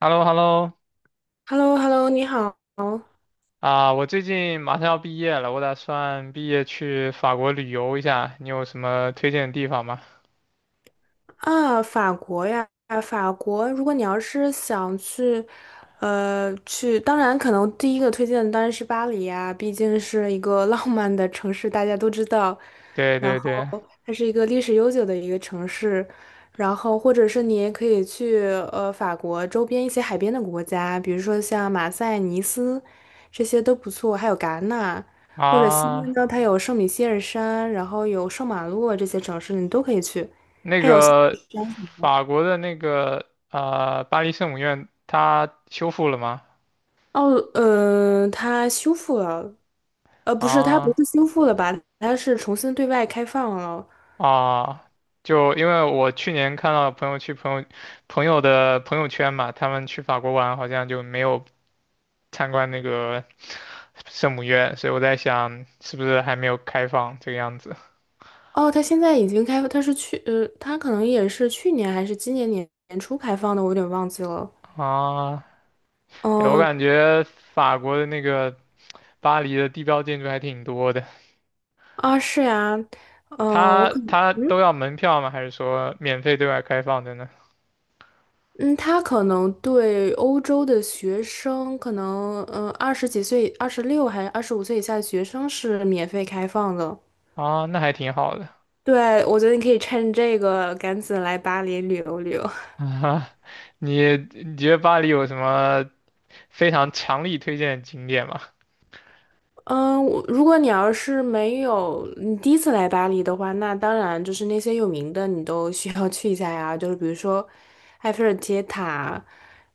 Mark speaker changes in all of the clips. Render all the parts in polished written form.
Speaker 1: h e l l o h e l l o
Speaker 2: h e l l o h e l l o 你好。
Speaker 1: 啊，我最近马上要毕业了，我打算毕业去法国旅游一下，你有什么推荐的地方吗？
Speaker 2: 啊，法国呀，啊法国，如果你要是想去，当然可能第一个推荐的当然是巴黎呀，毕竟是一个 浪漫的城市，大家都知道。
Speaker 1: 对
Speaker 2: 然
Speaker 1: 对
Speaker 2: 后
Speaker 1: 对。
Speaker 2: 它是一个历史悠久的一个城市，然后或者是你也可以去法国周边一些海边的国家，比如说像马赛、尼斯，这些都不错，还有戛纳。或者西边
Speaker 1: 啊，
Speaker 2: 呢，它有圣米歇尔山，然后有圣马洛这些城市，你都可以去。
Speaker 1: 那个法国的那个巴黎圣母院，它修复了吗？
Speaker 2: 哦，它修复了，不是，它不
Speaker 1: 啊。
Speaker 2: 是修复了吧？它是重新对外开放了。
Speaker 1: 啊，就因为我去年看到朋友去朋友朋友的朋友圈嘛，他们去法国玩好像就没有参观那个圣母院，所以我在想是不是还没有开放这个样子。
Speaker 2: 哦，它现在已经开，它是去，它可能也是去年还是今年年初开放的，我有点忘记了。
Speaker 1: 啊，对，我
Speaker 2: 哦，
Speaker 1: 感觉法国的那个巴黎的地标建筑还挺多的。
Speaker 2: 啊，是呀。呃，我
Speaker 1: 它
Speaker 2: 可
Speaker 1: 它
Speaker 2: 嗯
Speaker 1: 都要门票吗？还是说免费对外开放的呢？
Speaker 2: 嗯，它可能对欧洲的学生，可能，二十几岁、26还是25岁以下的学生是免费开放的。
Speaker 1: 啊，那还挺好的。
Speaker 2: 对，我觉得你可以趁这个赶紧来巴黎旅游旅游。
Speaker 1: 啊，你觉得巴黎有什么非常强力推荐的景点吗？
Speaker 2: 嗯，我如果你要是没有你第一次来巴黎的话，那当然就是那些有名的你都需要去一下呀，就是比如说埃菲尔铁塔，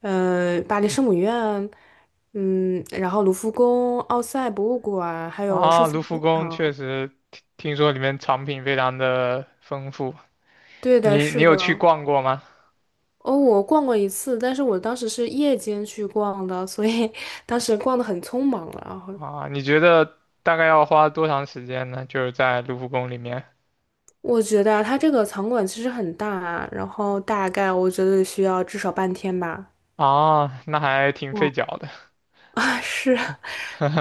Speaker 2: 巴黎圣母院，嗯，然后卢浮宫、奥赛博物馆，还有圣
Speaker 1: 啊，
Speaker 2: 心
Speaker 1: 卢浮
Speaker 2: 教
Speaker 1: 宫确
Speaker 2: 堂。
Speaker 1: 实听说里面藏品非常的丰富。
Speaker 2: 对的，
Speaker 1: 你
Speaker 2: 是
Speaker 1: 有去
Speaker 2: 的。
Speaker 1: 逛过吗？
Speaker 2: 哦，我逛过一次，但是我当时是夜间去逛的，所以 当时逛的很匆忙了。
Speaker 1: 啊，你觉得大概要花多长时间呢？就是在卢浮宫里面。
Speaker 2: 我觉得啊它这个场馆其实很大啊，然后大概我觉得需要至少半天吧。
Speaker 1: 啊，那还挺费
Speaker 2: 哇，
Speaker 1: 脚的。
Speaker 2: 啊，是，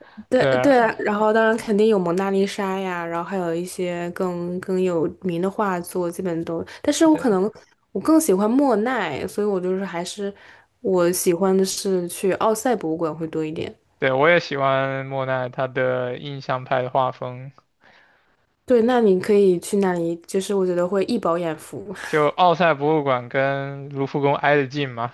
Speaker 2: 对
Speaker 1: 对
Speaker 2: 对啊，
Speaker 1: 啊，
Speaker 2: 然后当然肯定有蒙娜丽莎呀，然后还有一些更有名的画作，基本都。但是我
Speaker 1: 对
Speaker 2: 可能我更喜欢莫奈，所以我就是还是我喜欢的是去奥赛博物馆会多一点。
Speaker 1: 对，我也喜欢莫奈他的印象派的画风。
Speaker 2: 对，那你可以去那里，就是我觉得会一饱眼福。
Speaker 1: 就奥赛博物馆跟卢浮宫挨得近嘛。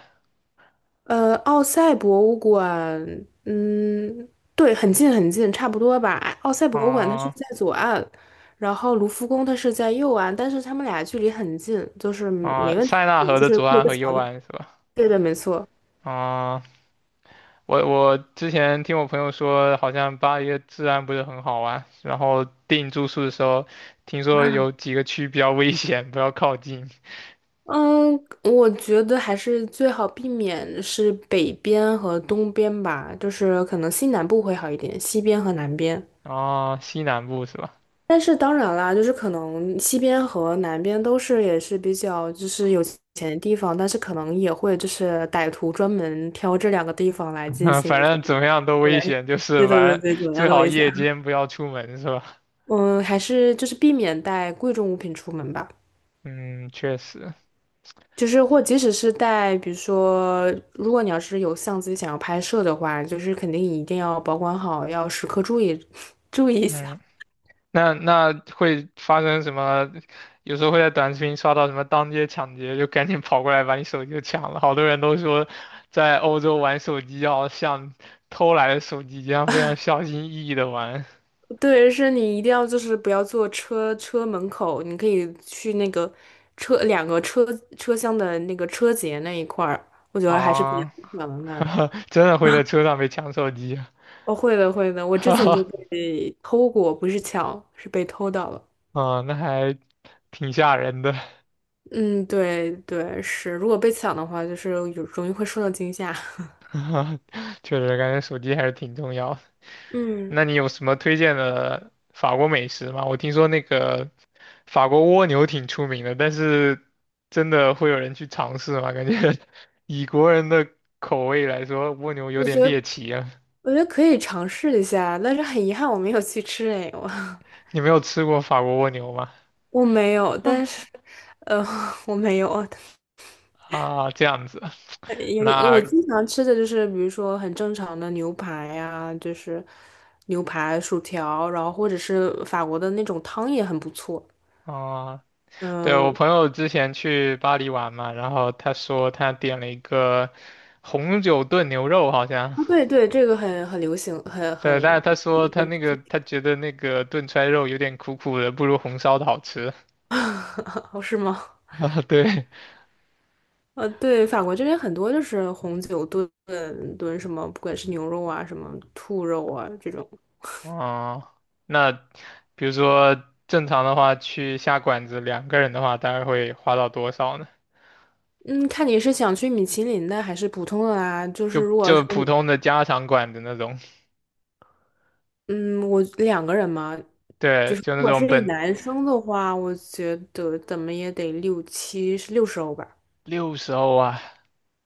Speaker 2: 奥赛博物馆，嗯，对，很近很近，差不多吧。奥赛博物馆它是
Speaker 1: 啊。
Speaker 2: 在左岸，然后卢浮宫它是在右岸，但是它们俩距离很近，就是
Speaker 1: 啊，
Speaker 2: 没问题，
Speaker 1: 塞纳河
Speaker 2: 就
Speaker 1: 的
Speaker 2: 是
Speaker 1: 左
Speaker 2: 过一
Speaker 1: 岸
Speaker 2: 个
Speaker 1: 和
Speaker 2: 桥
Speaker 1: 右
Speaker 2: 就。
Speaker 1: 岸是吧？
Speaker 2: 对的，没错。
Speaker 1: 啊、我之前听我朋友说，好像巴黎的治安不是很好啊，然后订住宿的时候，听说有几个区比较危险，不要靠近。
Speaker 2: 嗯，我觉得还是最好避免是北边和东边吧，就是可能西南部会好一点，西边和南边。
Speaker 1: 啊，西南部是吧？
Speaker 2: 但是当然啦，就是可能西边和南边都是也是比较就是有钱的地方，但是可能也会就是歹徒专门挑这两个地方来进 行
Speaker 1: 反
Speaker 2: 一些。
Speaker 1: 正怎么样都危
Speaker 2: 对，
Speaker 1: 险，就
Speaker 2: 对
Speaker 1: 是
Speaker 2: 对对
Speaker 1: 反正
Speaker 2: 对，怎么样
Speaker 1: 最
Speaker 2: 的
Speaker 1: 好
Speaker 2: 危险？
Speaker 1: 夜间不要出门是吧？
Speaker 2: 嗯，还是就是避免带贵重物品出门吧。
Speaker 1: 嗯，确实。
Speaker 2: 就是或即使是带，比如说，如果你要是有相机想要拍摄的话，就是肯定一定要保管好，要时刻注意 注意一
Speaker 1: 嗯，
Speaker 2: 下。
Speaker 1: 那那会发生什么？有时候会在短视频刷到什么当街抢劫，就赶紧跑过来把你手机就抢了。好多人都说，在欧洲玩手机要像偷来的手机一样，非常小心翼翼的玩。
Speaker 2: 对，是你一定要就是不要坐车车门口，你可以去那个车两个车车厢的那个车节那一块儿，我觉得还是比较
Speaker 1: 啊，
Speaker 2: 影响的那。
Speaker 1: 真的会在车上被抢手机？
Speaker 2: 哦，会的会的，我之前就
Speaker 1: 哈。
Speaker 2: 被偷过，不是抢，是被偷到了。
Speaker 1: 啊，那还挺吓人的。
Speaker 2: 嗯，对对是，如果被抢的话，就是有容易会受到惊吓。
Speaker 1: 确实感觉手机还是挺重要的。
Speaker 2: 嗯，
Speaker 1: 那你有什么推荐的法国美食吗？我听说那个法国蜗牛挺出名的，但是真的会有人去尝试吗？感觉 以国人的口味来说，蜗牛有
Speaker 2: 我觉
Speaker 1: 点猎
Speaker 2: 得
Speaker 1: 奇啊。
Speaker 2: 我觉得可以尝试一下，但是很遗憾我没有去吃哎，我
Speaker 1: 你没有吃过法国蜗牛吗？
Speaker 2: 我没有，
Speaker 1: 嗯。
Speaker 2: 但是 我没有，
Speaker 1: 啊，这样子。
Speaker 2: 有点，我
Speaker 1: 那
Speaker 2: 经常吃的就是，比如说很正常的牛排呀、就是牛排、薯条，然后或者是法国的那种汤也很不错。
Speaker 1: 啊，对，我
Speaker 2: 嗯，
Speaker 1: 朋友之前去巴黎玩嘛，然后他说他点了一个红酒炖牛肉，好像
Speaker 2: 啊，对对，这个很流行，很
Speaker 1: 对，
Speaker 2: 很
Speaker 1: 但是他说他
Speaker 2: 很，
Speaker 1: 那个他觉得那个炖出肉有点苦苦的，不如红烧的好吃
Speaker 2: 是吗？
Speaker 1: 啊，对。
Speaker 2: 对，法国这边很多就是红酒炖什么，不管是牛肉啊、什么兔肉啊这种。
Speaker 1: 哦，那比如说正常的话，去下馆子两个人的话，大概会花到多少呢？
Speaker 2: 嗯，看你是想去米其林的还是普通的啊？就是
Speaker 1: 就
Speaker 2: 如果
Speaker 1: 就
Speaker 2: 是
Speaker 1: 普通的家常馆子那种。
Speaker 2: 嗯，我两个人嘛，就
Speaker 1: 对，
Speaker 2: 是
Speaker 1: 就
Speaker 2: 如
Speaker 1: 那
Speaker 2: 果是
Speaker 1: 种
Speaker 2: 一
Speaker 1: 本
Speaker 2: 男生的话，我觉得怎么也得六七，是60欧吧。
Speaker 1: 60欧啊，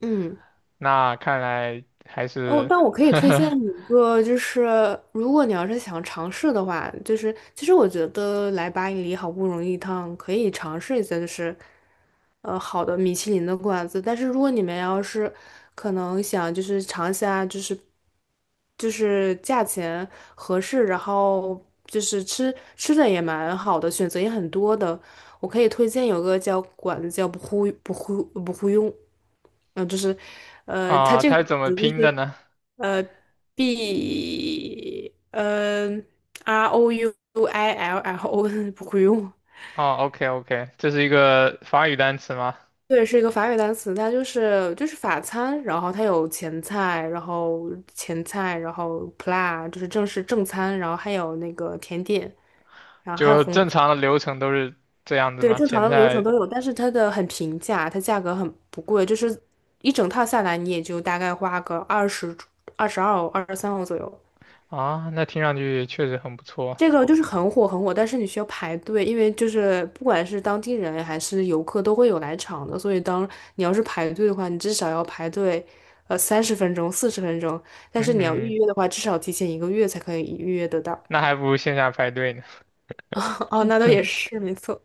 Speaker 2: 嗯。
Speaker 1: 那看来还
Speaker 2: 哦，
Speaker 1: 是
Speaker 2: 但我可 以推荐你一个，就是如果你要是想尝试的话，就是其实我觉得来巴黎好不容易一趟，可以尝试一下，就是好的米其林的馆子。但是如果你们要是可能想就是尝一下，就是价钱合适，然后就是吃吃的也蛮好的，选择也很多的，我可以推荐有个叫馆子叫不忽不忽不忽用。嗯，呃就是，它
Speaker 1: 啊，
Speaker 2: 这
Speaker 1: 他是
Speaker 2: 个馆
Speaker 1: 怎么
Speaker 2: 子
Speaker 1: 拼
Speaker 2: 就
Speaker 1: 的
Speaker 2: 是
Speaker 1: 呢？
Speaker 2: 呃，B，r O U I L L O，不会用。
Speaker 1: 哦，OK OK,这是一个法语单词吗？
Speaker 2: 对，是一个法语单词，它就是法餐，然后它有前菜，然后 plat 就是正式正餐，然后还有那个甜点，然后还有
Speaker 1: 就
Speaker 2: 红酒。
Speaker 1: 正常的流程都是这样子
Speaker 2: 对，
Speaker 1: 吗？
Speaker 2: 正常
Speaker 1: 前
Speaker 2: 的流程
Speaker 1: 菜、
Speaker 2: 都有，但是它的很平价，它价格很不贵，就是一整套下来你也就大概花个二十二欧、23欧左右。
Speaker 1: 啊，那听上去确实很不错。
Speaker 2: 这个就是很火很火，但是你需要排队，因为就是不管是当地人还是游客都会有来场的，所以当你要是排队的话，你至少要排队，30分钟、四十分钟，但是你要
Speaker 1: 嗯，
Speaker 2: 预约的话，至少提前1个月才可以预约得到。
Speaker 1: 那还不如线下排队呢。
Speaker 2: 哦，那倒也是，没错。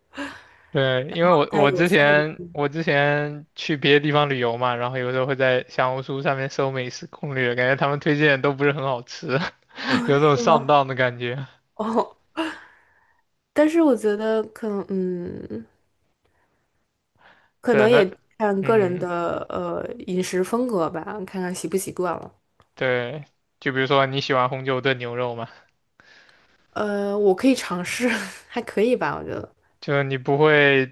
Speaker 1: 对，因为我
Speaker 2: 它
Speaker 1: 我
Speaker 2: 有
Speaker 1: 之
Speaker 2: 三个地
Speaker 1: 前
Speaker 2: 方
Speaker 1: 我之前去别的地方旅游嘛，然后有时候会在小红书上面搜美食攻略，感觉他们推荐的都不是很好吃。有种
Speaker 2: 是
Speaker 1: 上
Speaker 2: 吗？
Speaker 1: 当的感觉。
Speaker 2: 哦，但是我觉得可能，可
Speaker 1: 对，
Speaker 2: 能
Speaker 1: 那
Speaker 2: 也看个人
Speaker 1: 嗯，
Speaker 2: 的饮食风格吧，看看习不习惯了。
Speaker 1: 对，就比如说你喜欢红酒炖牛肉嘛。
Speaker 2: 我可以尝试，还可以吧，我觉得。
Speaker 1: 就是你不会，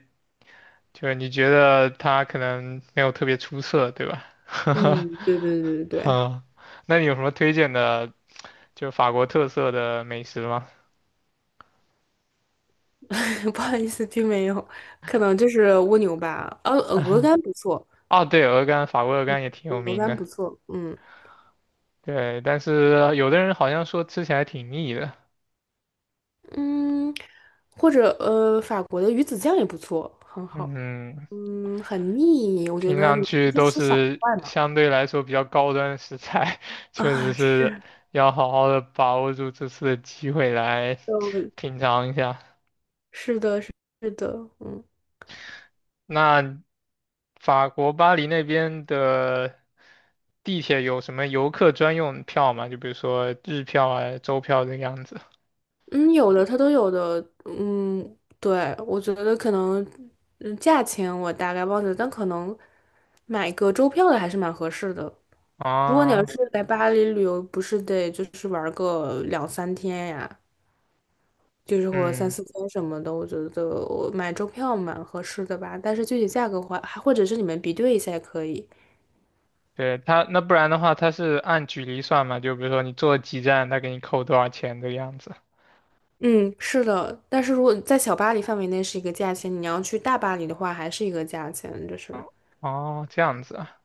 Speaker 1: 就是你觉得它可能没有特别出色，对吧？
Speaker 2: 嗯，对对对对对，
Speaker 1: 哈，那你有什么推荐的就法国特色的美食嘛。
Speaker 2: 不好意思，听没有，可能就是蜗牛吧。鹅肝不错，
Speaker 1: 啊，对，鹅肝，法国鹅肝也挺有
Speaker 2: 鹅
Speaker 1: 名
Speaker 2: 肝
Speaker 1: 的。
Speaker 2: 不错。嗯
Speaker 1: 对，但是有的人好像说吃起来挺腻的。
Speaker 2: 嗯，或者法国的鱼子酱也不错，很好。
Speaker 1: 嗯，
Speaker 2: 很腻，我觉
Speaker 1: 听
Speaker 2: 得
Speaker 1: 上
Speaker 2: 你可以
Speaker 1: 去
Speaker 2: 就
Speaker 1: 都
Speaker 2: 吃小
Speaker 1: 是
Speaker 2: 块嘛。
Speaker 1: 相对来说比较高端的食材。确实
Speaker 2: 啊，
Speaker 1: 是
Speaker 2: 是
Speaker 1: 要好好的把握住这次的机会来
Speaker 2: 的，
Speaker 1: 品尝一下。
Speaker 2: 是的，是的，
Speaker 1: 那法国巴黎那边的地铁有什么游客专用票吗？就比如说日票啊、周票这个样子。
Speaker 2: 嗯，有的它都有的。嗯，对，我觉得可能，价钱我大概忘记了，但可能买个周票的还是蛮合适的。如果你要
Speaker 1: 啊，
Speaker 2: 是来巴黎旅游，不是得就是玩个两三天呀，就是或三
Speaker 1: 嗯。
Speaker 2: 四天什么的，我觉得我买周票蛮合适的吧。但是具体价格的话，还或者是你们比对一下也可以。
Speaker 1: 对他，那不然的话，他是按距离算嘛？就比如说你坐几站，他给你扣多少钱的样子。
Speaker 2: 嗯，是的。但是如果在小巴黎范围内是一个价钱，你要去大巴黎的话还是一个价钱，就是。
Speaker 1: 嗯。哦，这样子啊。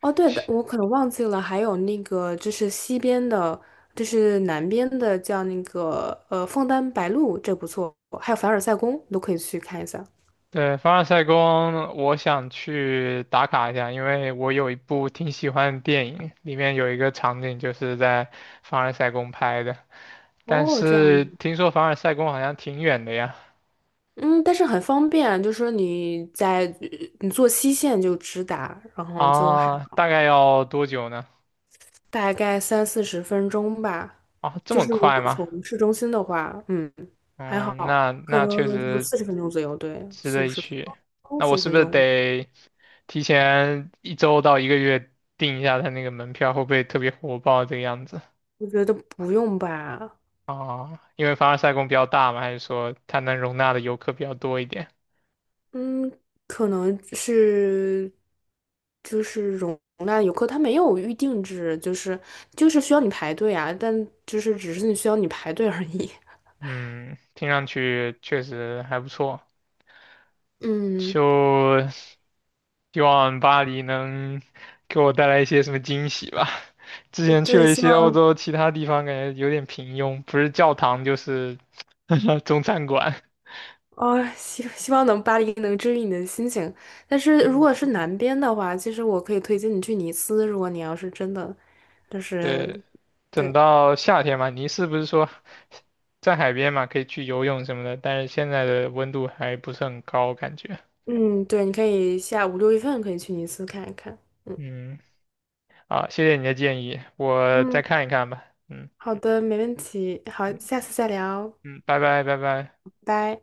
Speaker 2: 哦，对的，我可能忘记了，还有那个就是西边的，就是南边的叫那个枫丹白露，这不错，还有凡尔赛宫都可以去看一下。
Speaker 1: 对，凡尔赛宫，我想去打卡一下，因为我有一部挺喜欢的电影，里面有一个场景就是在凡尔赛宫拍的。但
Speaker 2: 哦，这样。
Speaker 1: 是听说凡尔赛宫好像挺远的呀。
Speaker 2: 嗯，但是很方便，就是说你在你坐西线就直达，然后就还
Speaker 1: 啊，大概要多久呢？
Speaker 2: 大概三四十分钟吧。
Speaker 1: 啊，这
Speaker 2: 就
Speaker 1: 么
Speaker 2: 是如
Speaker 1: 快
Speaker 2: 果
Speaker 1: 吗？
Speaker 2: 从市中心的话，还
Speaker 1: 嗯，
Speaker 2: 好，
Speaker 1: 那
Speaker 2: 可
Speaker 1: 那确
Speaker 2: 能就
Speaker 1: 实
Speaker 2: 四十分钟左右，对，
Speaker 1: 之
Speaker 2: 四五
Speaker 1: 类
Speaker 2: 十分
Speaker 1: 去。
Speaker 2: 钟，
Speaker 1: 那我
Speaker 2: 四十
Speaker 1: 是
Speaker 2: 分
Speaker 1: 不是
Speaker 2: 钟。
Speaker 1: 得提前一周到一个月订一下他那个门票，会不会特别火爆这个样子？
Speaker 2: 我觉得不用吧。
Speaker 1: 啊？因为凡尔赛宫比较大嘛，还是说它能容纳的游客比较多一点？
Speaker 2: 嗯，可能是就是容纳游客，他没有预定制，就是需要你排队啊，但就是只是你需要你排队而已。
Speaker 1: 嗯，听上去确实还不错，
Speaker 2: 嗯。
Speaker 1: 就希望巴黎能给我带来一些什么惊喜吧。之前去
Speaker 2: 对，
Speaker 1: 了一
Speaker 2: 希
Speaker 1: 些欧
Speaker 2: 望
Speaker 1: 洲其他地方，感觉有点平庸，不是教堂就是 中餐馆。
Speaker 2: 哦，希望能巴黎能治愈你的心情。但是如果是南边的话，其实我可以推荐你去尼斯，如果你要是真的，就是
Speaker 1: 对，等
Speaker 2: 对，
Speaker 1: 到夏天嘛，你是不是说在海边嘛，可以去游泳什么的？但是现在的温度还不是很高，感觉。
Speaker 2: 嗯，对，你可以下五六月份可以去尼斯看一看。嗯
Speaker 1: 嗯，好，谢谢你的建议，我再
Speaker 2: 嗯，
Speaker 1: 看一看吧。嗯。
Speaker 2: 好的，没问题。好，下次再聊，
Speaker 1: 嗯，拜拜拜拜。
Speaker 2: 拜。